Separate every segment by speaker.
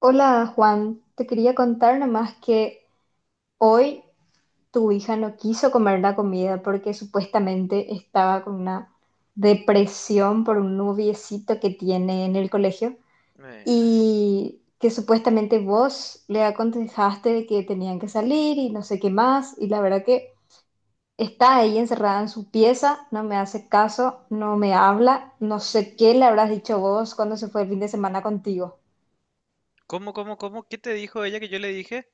Speaker 1: Hola, Juan, te quería contar nomás que hoy tu hija no quiso comer la comida porque supuestamente estaba con una depresión por un noviecito que tiene en el colegio
Speaker 2: Eh,
Speaker 1: y que supuestamente vos le aconsejaste que tenían que salir y no sé qué más, y la verdad que está ahí encerrada en su pieza, no me hace caso, no me habla, no sé qué le habrás dicho vos cuando se fue el fin de semana contigo.
Speaker 2: ¿Cómo, cómo, cómo? ¿Qué te dijo ella que yo le dije?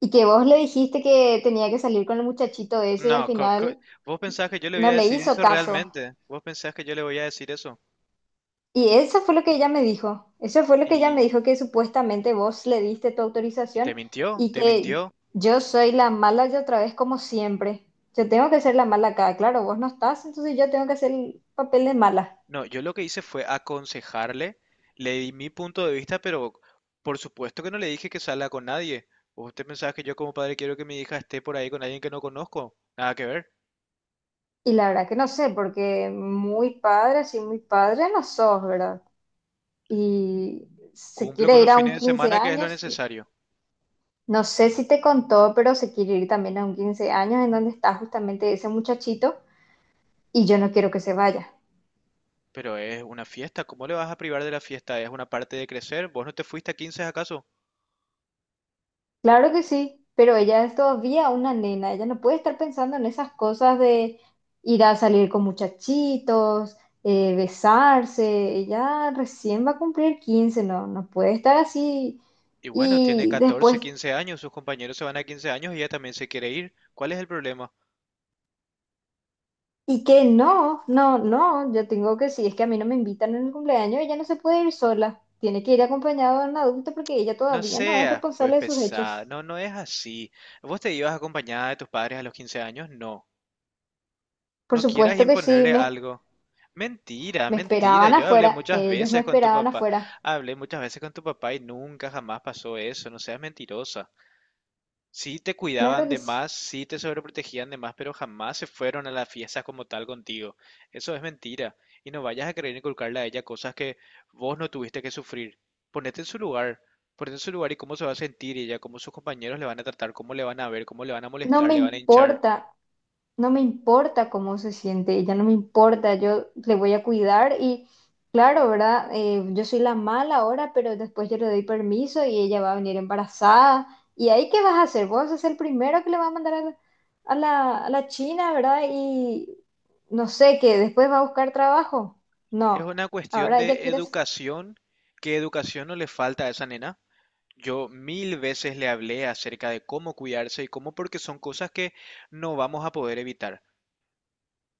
Speaker 1: Y que vos le dijiste que tenía que salir con el muchachito ese y al
Speaker 2: No,
Speaker 1: final
Speaker 2: vos pensás que yo le voy
Speaker 1: no
Speaker 2: a
Speaker 1: le
Speaker 2: decir
Speaker 1: hizo
Speaker 2: eso
Speaker 1: caso.
Speaker 2: realmente. Vos pensás que yo le voy a decir eso.
Speaker 1: Y eso fue lo que ella me dijo. Eso fue lo que ella me
Speaker 2: Y,
Speaker 1: dijo, que supuestamente vos le diste tu
Speaker 2: y te
Speaker 1: autorización
Speaker 2: mintió,
Speaker 1: y
Speaker 2: te
Speaker 1: que
Speaker 2: mintió.
Speaker 1: yo soy la mala y otra vez como siempre. Yo tengo que ser la mala acá. Claro, vos no estás, entonces yo tengo que hacer el papel de mala.
Speaker 2: No, yo lo que hice fue aconsejarle, le di mi punto de vista, pero por supuesto que no le dije que salga con nadie. ¿Usted pensás que yo como padre quiero que mi hija esté por ahí con alguien que no conozco? Nada que ver.
Speaker 1: Y la verdad que no sé, porque muy padre, así muy padre no sos, ¿verdad? Y se
Speaker 2: Cumplo con
Speaker 1: quiere
Speaker 2: los
Speaker 1: ir a un
Speaker 2: fines de
Speaker 1: 15
Speaker 2: semana, que es lo
Speaker 1: años.
Speaker 2: necesario.
Speaker 1: No sé si te contó, pero se quiere ir también a un 15 años en donde está justamente ese muchachito, y yo no quiero que se vaya.
Speaker 2: Pero es una fiesta, ¿cómo le vas a privar de la fiesta? Es una parte de crecer. ¿Vos no te fuiste a 15, acaso?
Speaker 1: Claro que sí, pero ella es todavía una nena, ella no puede estar pensando en esas cosas de ir a salir con muchachitos, besarse, ella recién va a cumplir 15, no, no puede estar así.
Speaker 2: Y bueno, tiene
Speaker 1: Y
Speaker 2: 14,
Speaker 1: después
Speaker 2: 15 años, sus compañeros se van a 15 años y ella también se quiere ir. ¿Cuál es el problema?
Speaker 1: y que no, no, no, yo tengo que, si es que a mí no me invitan en el cumpleaños, ella no se puede ir sola, tiene que ir acompañada de un adulto porque ella
Speaker 2: No
Speaker 1: todavía no es
Speaker 2: seas, pues,
Speaker 1: responsable de sus
Speaker 2: pesada.
Speaker 1: hechos.
Speaker 2: No, no es así. ¿Vos te ibas acompañada de tus padres a los 15 años? No.
Speaker 1: Por
Speaker 2: No quieras
Speaker 1: supuesto que sí,
Speaker 2: imponerle algo. Mentira,
Speaker 1: me
Speaker 2: mentira.
Speaker 1: esperaban
Speaker 2: Yo hablé
Speaker 1: afuera,
Speaker 2: muchas
Speaker 1: ellos me
Speaker 2: veces con tu
Speaker 1: esperaban
Speaker 2: papá.
Speaker 1: afuera,
Speaker 2: Hablé muchas veces con tu papá y nunca jamás pasó eso. No seas mentirosa. Sí te
Speaker 1: claro
Speaker 2: cuidaban
Speaker 1: que
Speaker 2: de
Speaker 1: sí,
Speaker 2: más, sí te sobreprotegían de más, pero jamás se fueron a las fiestas como tal contigo. Eso es mentira. Y no vayas a querer inculcarle a ella cosas que vos no tuviste que sufrir. Ponete en su lugar, ponete en su lugar y cómo se va a sentir ella, cómo sus compañeros le van a tratar, cómo le van a ver, cómo le van a
Speaker 1: no
Speaker 2: molestar,
Speaker 1: me
Speaker 2: le van a hinchar.
Speaker 1: importa, no me importa cómo se siente ella, no me importa, yo le voy a cuidar y claro, ¿verdad? Yo soy la mala ahora, pero después yo le doy permiso y ella va a venir embarazada. ¿Y ahí qué vas a hacer? Vos sos el primero que le va a mandar a a la China, ¿verdad? Y no sé, que después va a buscar trabajo.
Speaker 2: Es
Speaker 1: No,
Speaker 2: una cuestión
Speaker 1: ahora ella
Speaker 2: de
Speaker 1: quiere, s-
Speaker 2: educación. ¿Qué educación no le falta a esa nena? Yo mil veces le hablé acerca de cómo cuidarse y cómo porque son cosas que no vamos a poder evitar.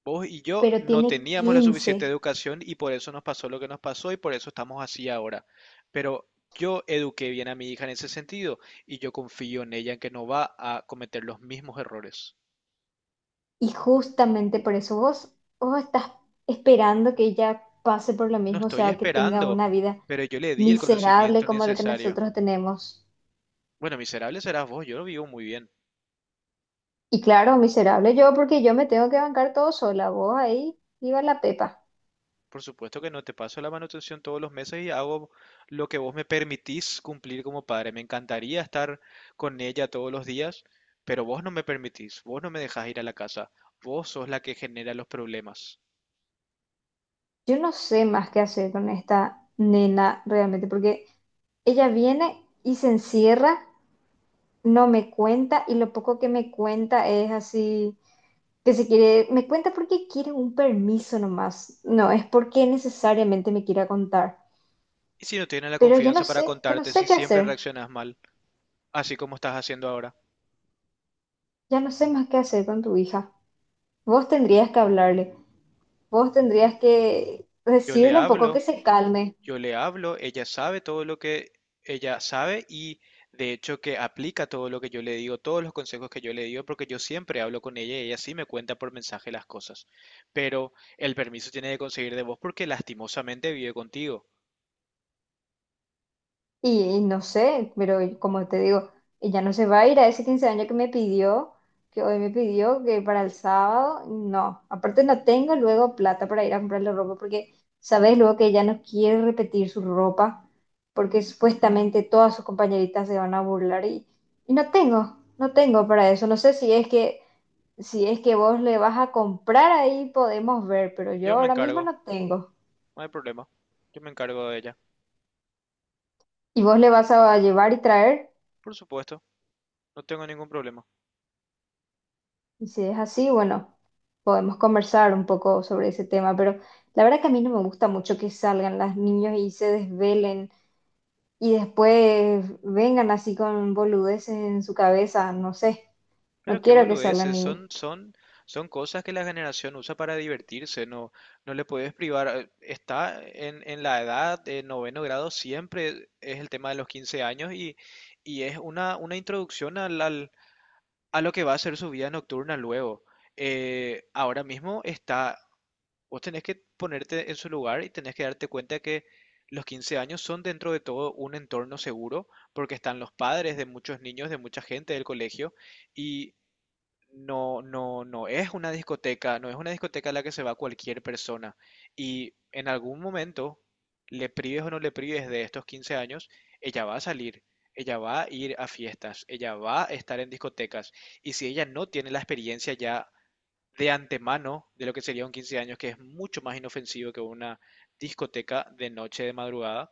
Speaker 2: Vos y yo
Speaker 1: pero
Speaker 2: no
Speaker 1: tiene
Speaker 2: teníamos la suficiente
Speaker 1: quince,
Speaker 2: educación y por eso nos pasó lo que nos pasó y por eso estamos así ahora. Pero yo eduqué bien a mi hija en ese sentido y yo confío en ella en que no va a cometer los mismos errores.
Speaker 1: y justamente por eso vos, vos estás esperando que ella pase por lo
Speaker 2: No
Speaker 1: mismo, o
Speaker 2: estoy
Speaker 1: sea, que tenga
Speaker 2: esperando,
Speaker 1: una vida
Speaker 2: pero yo le di el
Speaker 1: miserable
Speaker 2: conocimiento
Speaker 1: como el que
Speaker 2: necesario.
Speaker 1: nosotros tenemos.
Speaker 2: Bueno, miserable serás vos, yo lo vivo muy bien.
Speaker 1: Y claro, miserable yo porque yo me tengo que bancar todo sola, vos ahí, iba la pepa.
Speaker 2: Por supuesto que no, te paso la manutención todos los meses y hago lo que vos me permitís cumplir como padre. Me encantaría estar con ella todos los días, pero vos no me permitís, vos no me dejás ir a la casa, vos sos la que genera los problemas.
Speaker 1: Yo no sé más qué hacer con esta nena realmente, porque ella viene y se encierra, no me cuenta, y lo poco que me cuenta es así, que se quiere, me cuenta porque quiere un permiso nomás, no es porque necesariamente me quiera contar.
Speaker 2: Y si no tienes la
Speaker 1: Pero
Speaker 2: confianza para
Speaker 1: ya no
Speaker 2: contarte
Speaker 1: sé
Speaker 2: si
Speaker 1: qué
Speaker 2: siempre
Speaker 1: hacer,
Speaker 2: reaccionas mal, así como estás haciendo ahora,
Speaker 1: ya no sé más qué hacer con tu hija. Vos tendrías que hablarle. Vos tendrías que
Speaker 2: yo le
Speaker 1: decirle un poco que
Speaker 2: hablo.
Speaker 1: se calme.
Speaker 2: Yo le hablo, ella sabe todo lo que ella sabe y de hecho que aplica todo lo que yo le digo, todos los consejos que yo le digo, porque yo siempre hablo con ella y ella sí me cuenta por mensaje las cosas. Pero el permiso tiene que conseguir de vos porque lastimosamente vive contigo.
Speaker 1: Y no sé, pero como te digo, ella no se va a ir a ese 15 años que me pidió, que hoy me pidió, que para el sábado, no. Aparte no tengo luego plata para ir a comprarle ropa, porque sabes luego que ella no quiere repetir su ropa, porque supuestamente todas sus compañeritas se van a burlar, y no tengo, no tengo para eso. No sé si es que, si es que vos le vas a comprar ahí, podemos ver, pero
Speaker 2: Yo
Speaker 1: yo
Speaker 2: me
Speaker 1: ahora mismo
Speaker 2: encargo,
Speaker 1: no tengo.
Speaker 2: no hay problema. Yo me encargo de ella.
Speaker 1: Y vos le vas a llevar y traer,
Speaker 2: Por supuesto, no tengo ningún problema.
Speaker 1: y si es así, bueno, podemos conversar un poco sobre ese tema, pero la verdad que a mí no me gusta mucho que salgan las niños y se desvelen y después vengan así con boludeces en su cabeza, no sé,
Speaker 2: Pero
Speaker 1: no
Speaker 2: qué
Speaker 1: quiero que salgan.
Speaker 2: boludeces,
Speaker 1: Y
Speaker 2: son cosas que la generación usa para divertirse, no, no le puedes privar. Está en la edad de noveno grado, siempre es el tema de los 15 años y es una introducción a lo que va a ser su vida nocturna luego. Ahora mismo está, vos tenés que ponerte en su lugar y tenés que darte cuenta que los 15 años son dentro de todo un entorno seguro, porque están los padres de muchos niños, de mucha gente del colegio. Y no, no, no es una discoteca, no es una discoteca a la que se va cualquier persona. Y en algún momento, le prives o no le prives de estos 15 años, ella va a salir, ella va a ir a fiestas, ella va a estar en discotecas. Y si ella no tiene la experiencia ya de antemano de lo que sería un 15 años, que es mucho más inofensivo que una discoteca de noche de madrugada,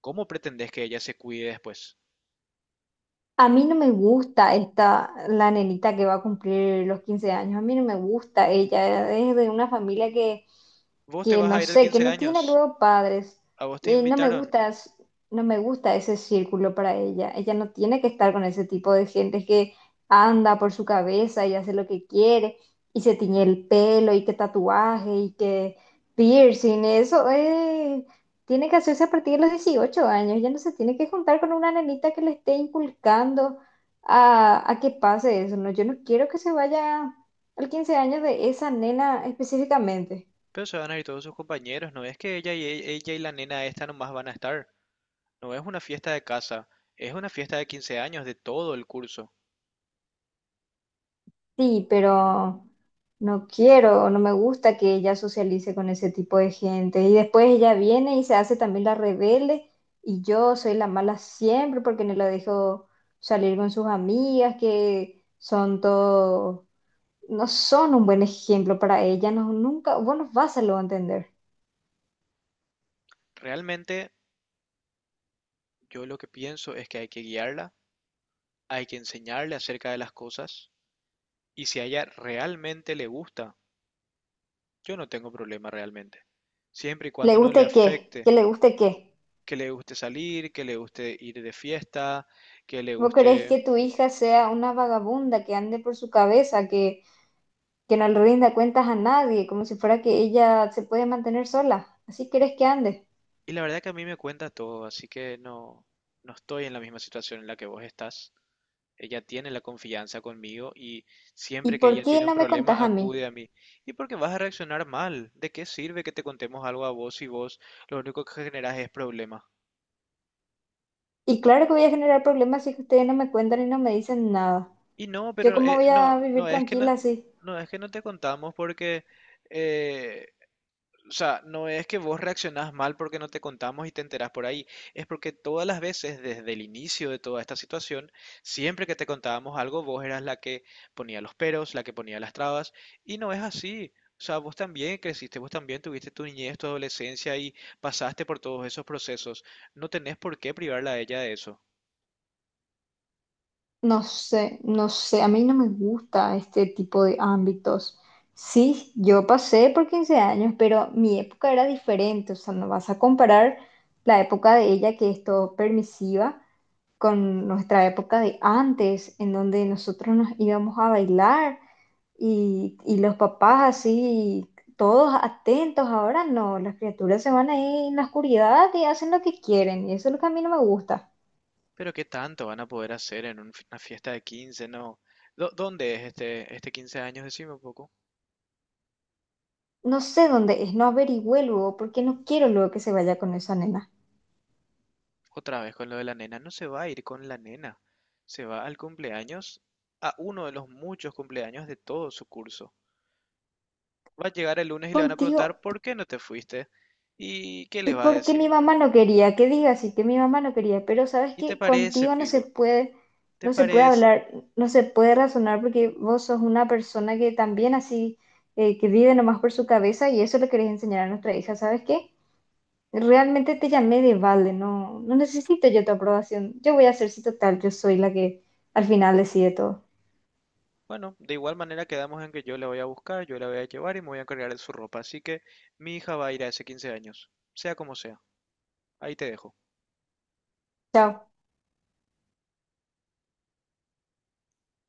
Speaker 2: ¿cómo pretendés que ella se cuide después?
Speaker 1: A mí no me gusta esta, la nenita que va a cumplir los 15 años. A mí no me gusta ella. Es de una familia
Speaker 2: Vos te
Speaker 1: que
Speaker 2: vas
Speaker 1: no
Speaker 2: a ir al
Speaker 1: sé, que
Speaker 2: 15
Speaker 1: no tiene
Speaker 2: años,
Speaker 1: luego padres.
Speaker 2: a vos te
Speaker 1: No me
Speaker 2: invitaron.
Speaker 1: gusta, es- no me gusta ese círculo para ella. Ella no tiene que estar con ese tipo de gente que anda por su cabeza y hace lo que quiere, y se tiñe el pelo, y que tatuaje, y que piercing. Eso es tiene que hacerse a partir de los 18 años, ya no se tiene que juntar con una nenita que le esté inculcando a que pase eso, ¿no? Yo no quiero que se vaya al 15 años de esa nena específicamente.
Speaker 2: Pero se van a ir todos sus compañeros, ¿no ves que ella y ella y la nena esta nomás van a estar? No es una fiesta de casa, es una fiesta de 15 años de todo el curso.
Speaker 1: Sí, pero no quiero, no me gusta que ella socialice con ese tipo de gente. Y después ella viene y se hace también la rebelde, y yo soy la mala siempre porque no la dejo salir con sus amigas que son todos no son un buen ejemplo para ella, no, nunca, vos no vas a lo entender.
Speaker 2: Realmente yo lo que pienso es que hay que guiarla, hay que enseñarle acerca de las cosas y si a ella realmente le gusta, yo no tengo problema realmente. Siempre y
Speaker 1: ¿Le
Speaker 2: cuando no le
Speaker 1: guste qué?
Speaker 2: afecte,
Speaker 1: ¿Que le guste qué?
Speaker 2: que le guste salir, que le guste ir de fiesta, que le
Speaker 1: ¿Vos querés
Speaker 2: guste...
Speaker 1: que tu hija sea una vagabunda que ande por su cabeza, que no le rinda cuentas a nadie, como si fuera que ella se puede mantener sola? ¿Así querés que ande?
Speaker 2: Y la verdad que a mí me cuenta todo, así que no, no estoy en la misma situación en la que vos estás. Ella tiene la confianza conmigo y
Speaker 1: ¿Y
Speaker 2: siempre que
Speaker 1: por
Speaker 2: ella
Speaker 1: qué
Speaker 2: tiene un
Speaker 1: no me contás
Speaker 2: problema
Speaker 1: a mí?
Speaker 2: acude a mí. ¿Y por qué vas a reaccionar mal? ¿De qué sirve que te contemos algo a vos si vos lo único que generas es problema?
Speaker 1: Y claro que voy a generar problemas si es que ustedes no me cuentan y no me dicen nada.
Speaker 2: Y no,
Speaker 1: ¿Yo
Speaker 2: pero
Speaker 1: cómo voy a
Speaker 2: no,
Speaker 1: vivir tranquila así?
Speaker 2: no es que no te contamos porque eh, o sea, no es que vos reaccionás mal porque no te contamos y te enterás por ahí, es porque todas las veces desde el inicio de toda esta situación, siempre que te contábamos algo, vos eras la que ponía los peros, la que ponía las trabas, y no es así. O sea, vos también creciste, vos también tuviste tu niñez, tu adolescencia y pasaste por todos esos procesos. No tenés por qué privarla a ella de eso.
Speaker 1: No sé, no sé, a mí no me gusta este tipo de ámbitos. Sí, yo pasé por 15 años, pero mi época era diferente, o sea, no vas a comparar la época de ella, que es todo permisiva, con nuestra época de antes, en donde nosotros nos íbamos a bailar, y los papás así, todos atentos. Ahora no, las criaturas se van ahí en la oscuridad y hacen lo que quieren, y eso es lo que a mí no me gusta.
Speaker 2: Pero ¿qué tanto van a poder hacer en una fiesta de 15? No. ¿Dónde es este, este 15 años? Decime un poco.
Speaker 1: No sé dónde es, no averigüé luego porque no quiero luego que se vaya con esa nena.
Speaker 2: Otra vez con lo de la nena, no se va a ir con la nena, se va al cumpleaños, a uno de los muchos cumpleaños de todo su curso. Va a llegar el lunes y le van a
Speaker 1: Contigo,
Speaker 2: preguntar ¿por qué no te fuiste? ¿Y qué le
Speaker 1: y
Speaker 2: va a
Speaker 1: porque mi
Speaker 2: decir?
Speaker 1: mamá no quería, que diga así, que mi mamá no quería, pero sabes
Speaker 2: ¿Y te
Speaker 1: que
Speaker 2: parece,
Speaker 1: contigo no se
Speaker 2: Pico?
Speaker 1: puede,
Speaker 2: ¿Te
Speaker 1: no se puede
Speaker 2: parece?
Speaker 1: hablar, no se puede razonar porque vos sos una persona que también así, que vive nomás por su cabeza y eso le querés enseñar a nuestra hija, ¿sabes qué? Realmente te llamé de vale, no, no necesito yo tu aprobación, yo voy a hacer si total, yo soy la que al final decide todo.
Speaker 2: Bueno, de igual manera quedamos en que yo la voy a buscar, yo la voy a llevar y me voy a encargar de su ropa, así que mi hija va a ir a ese 15 años, sea como sea. Ahí te dejo.
Speaker 1: Chao.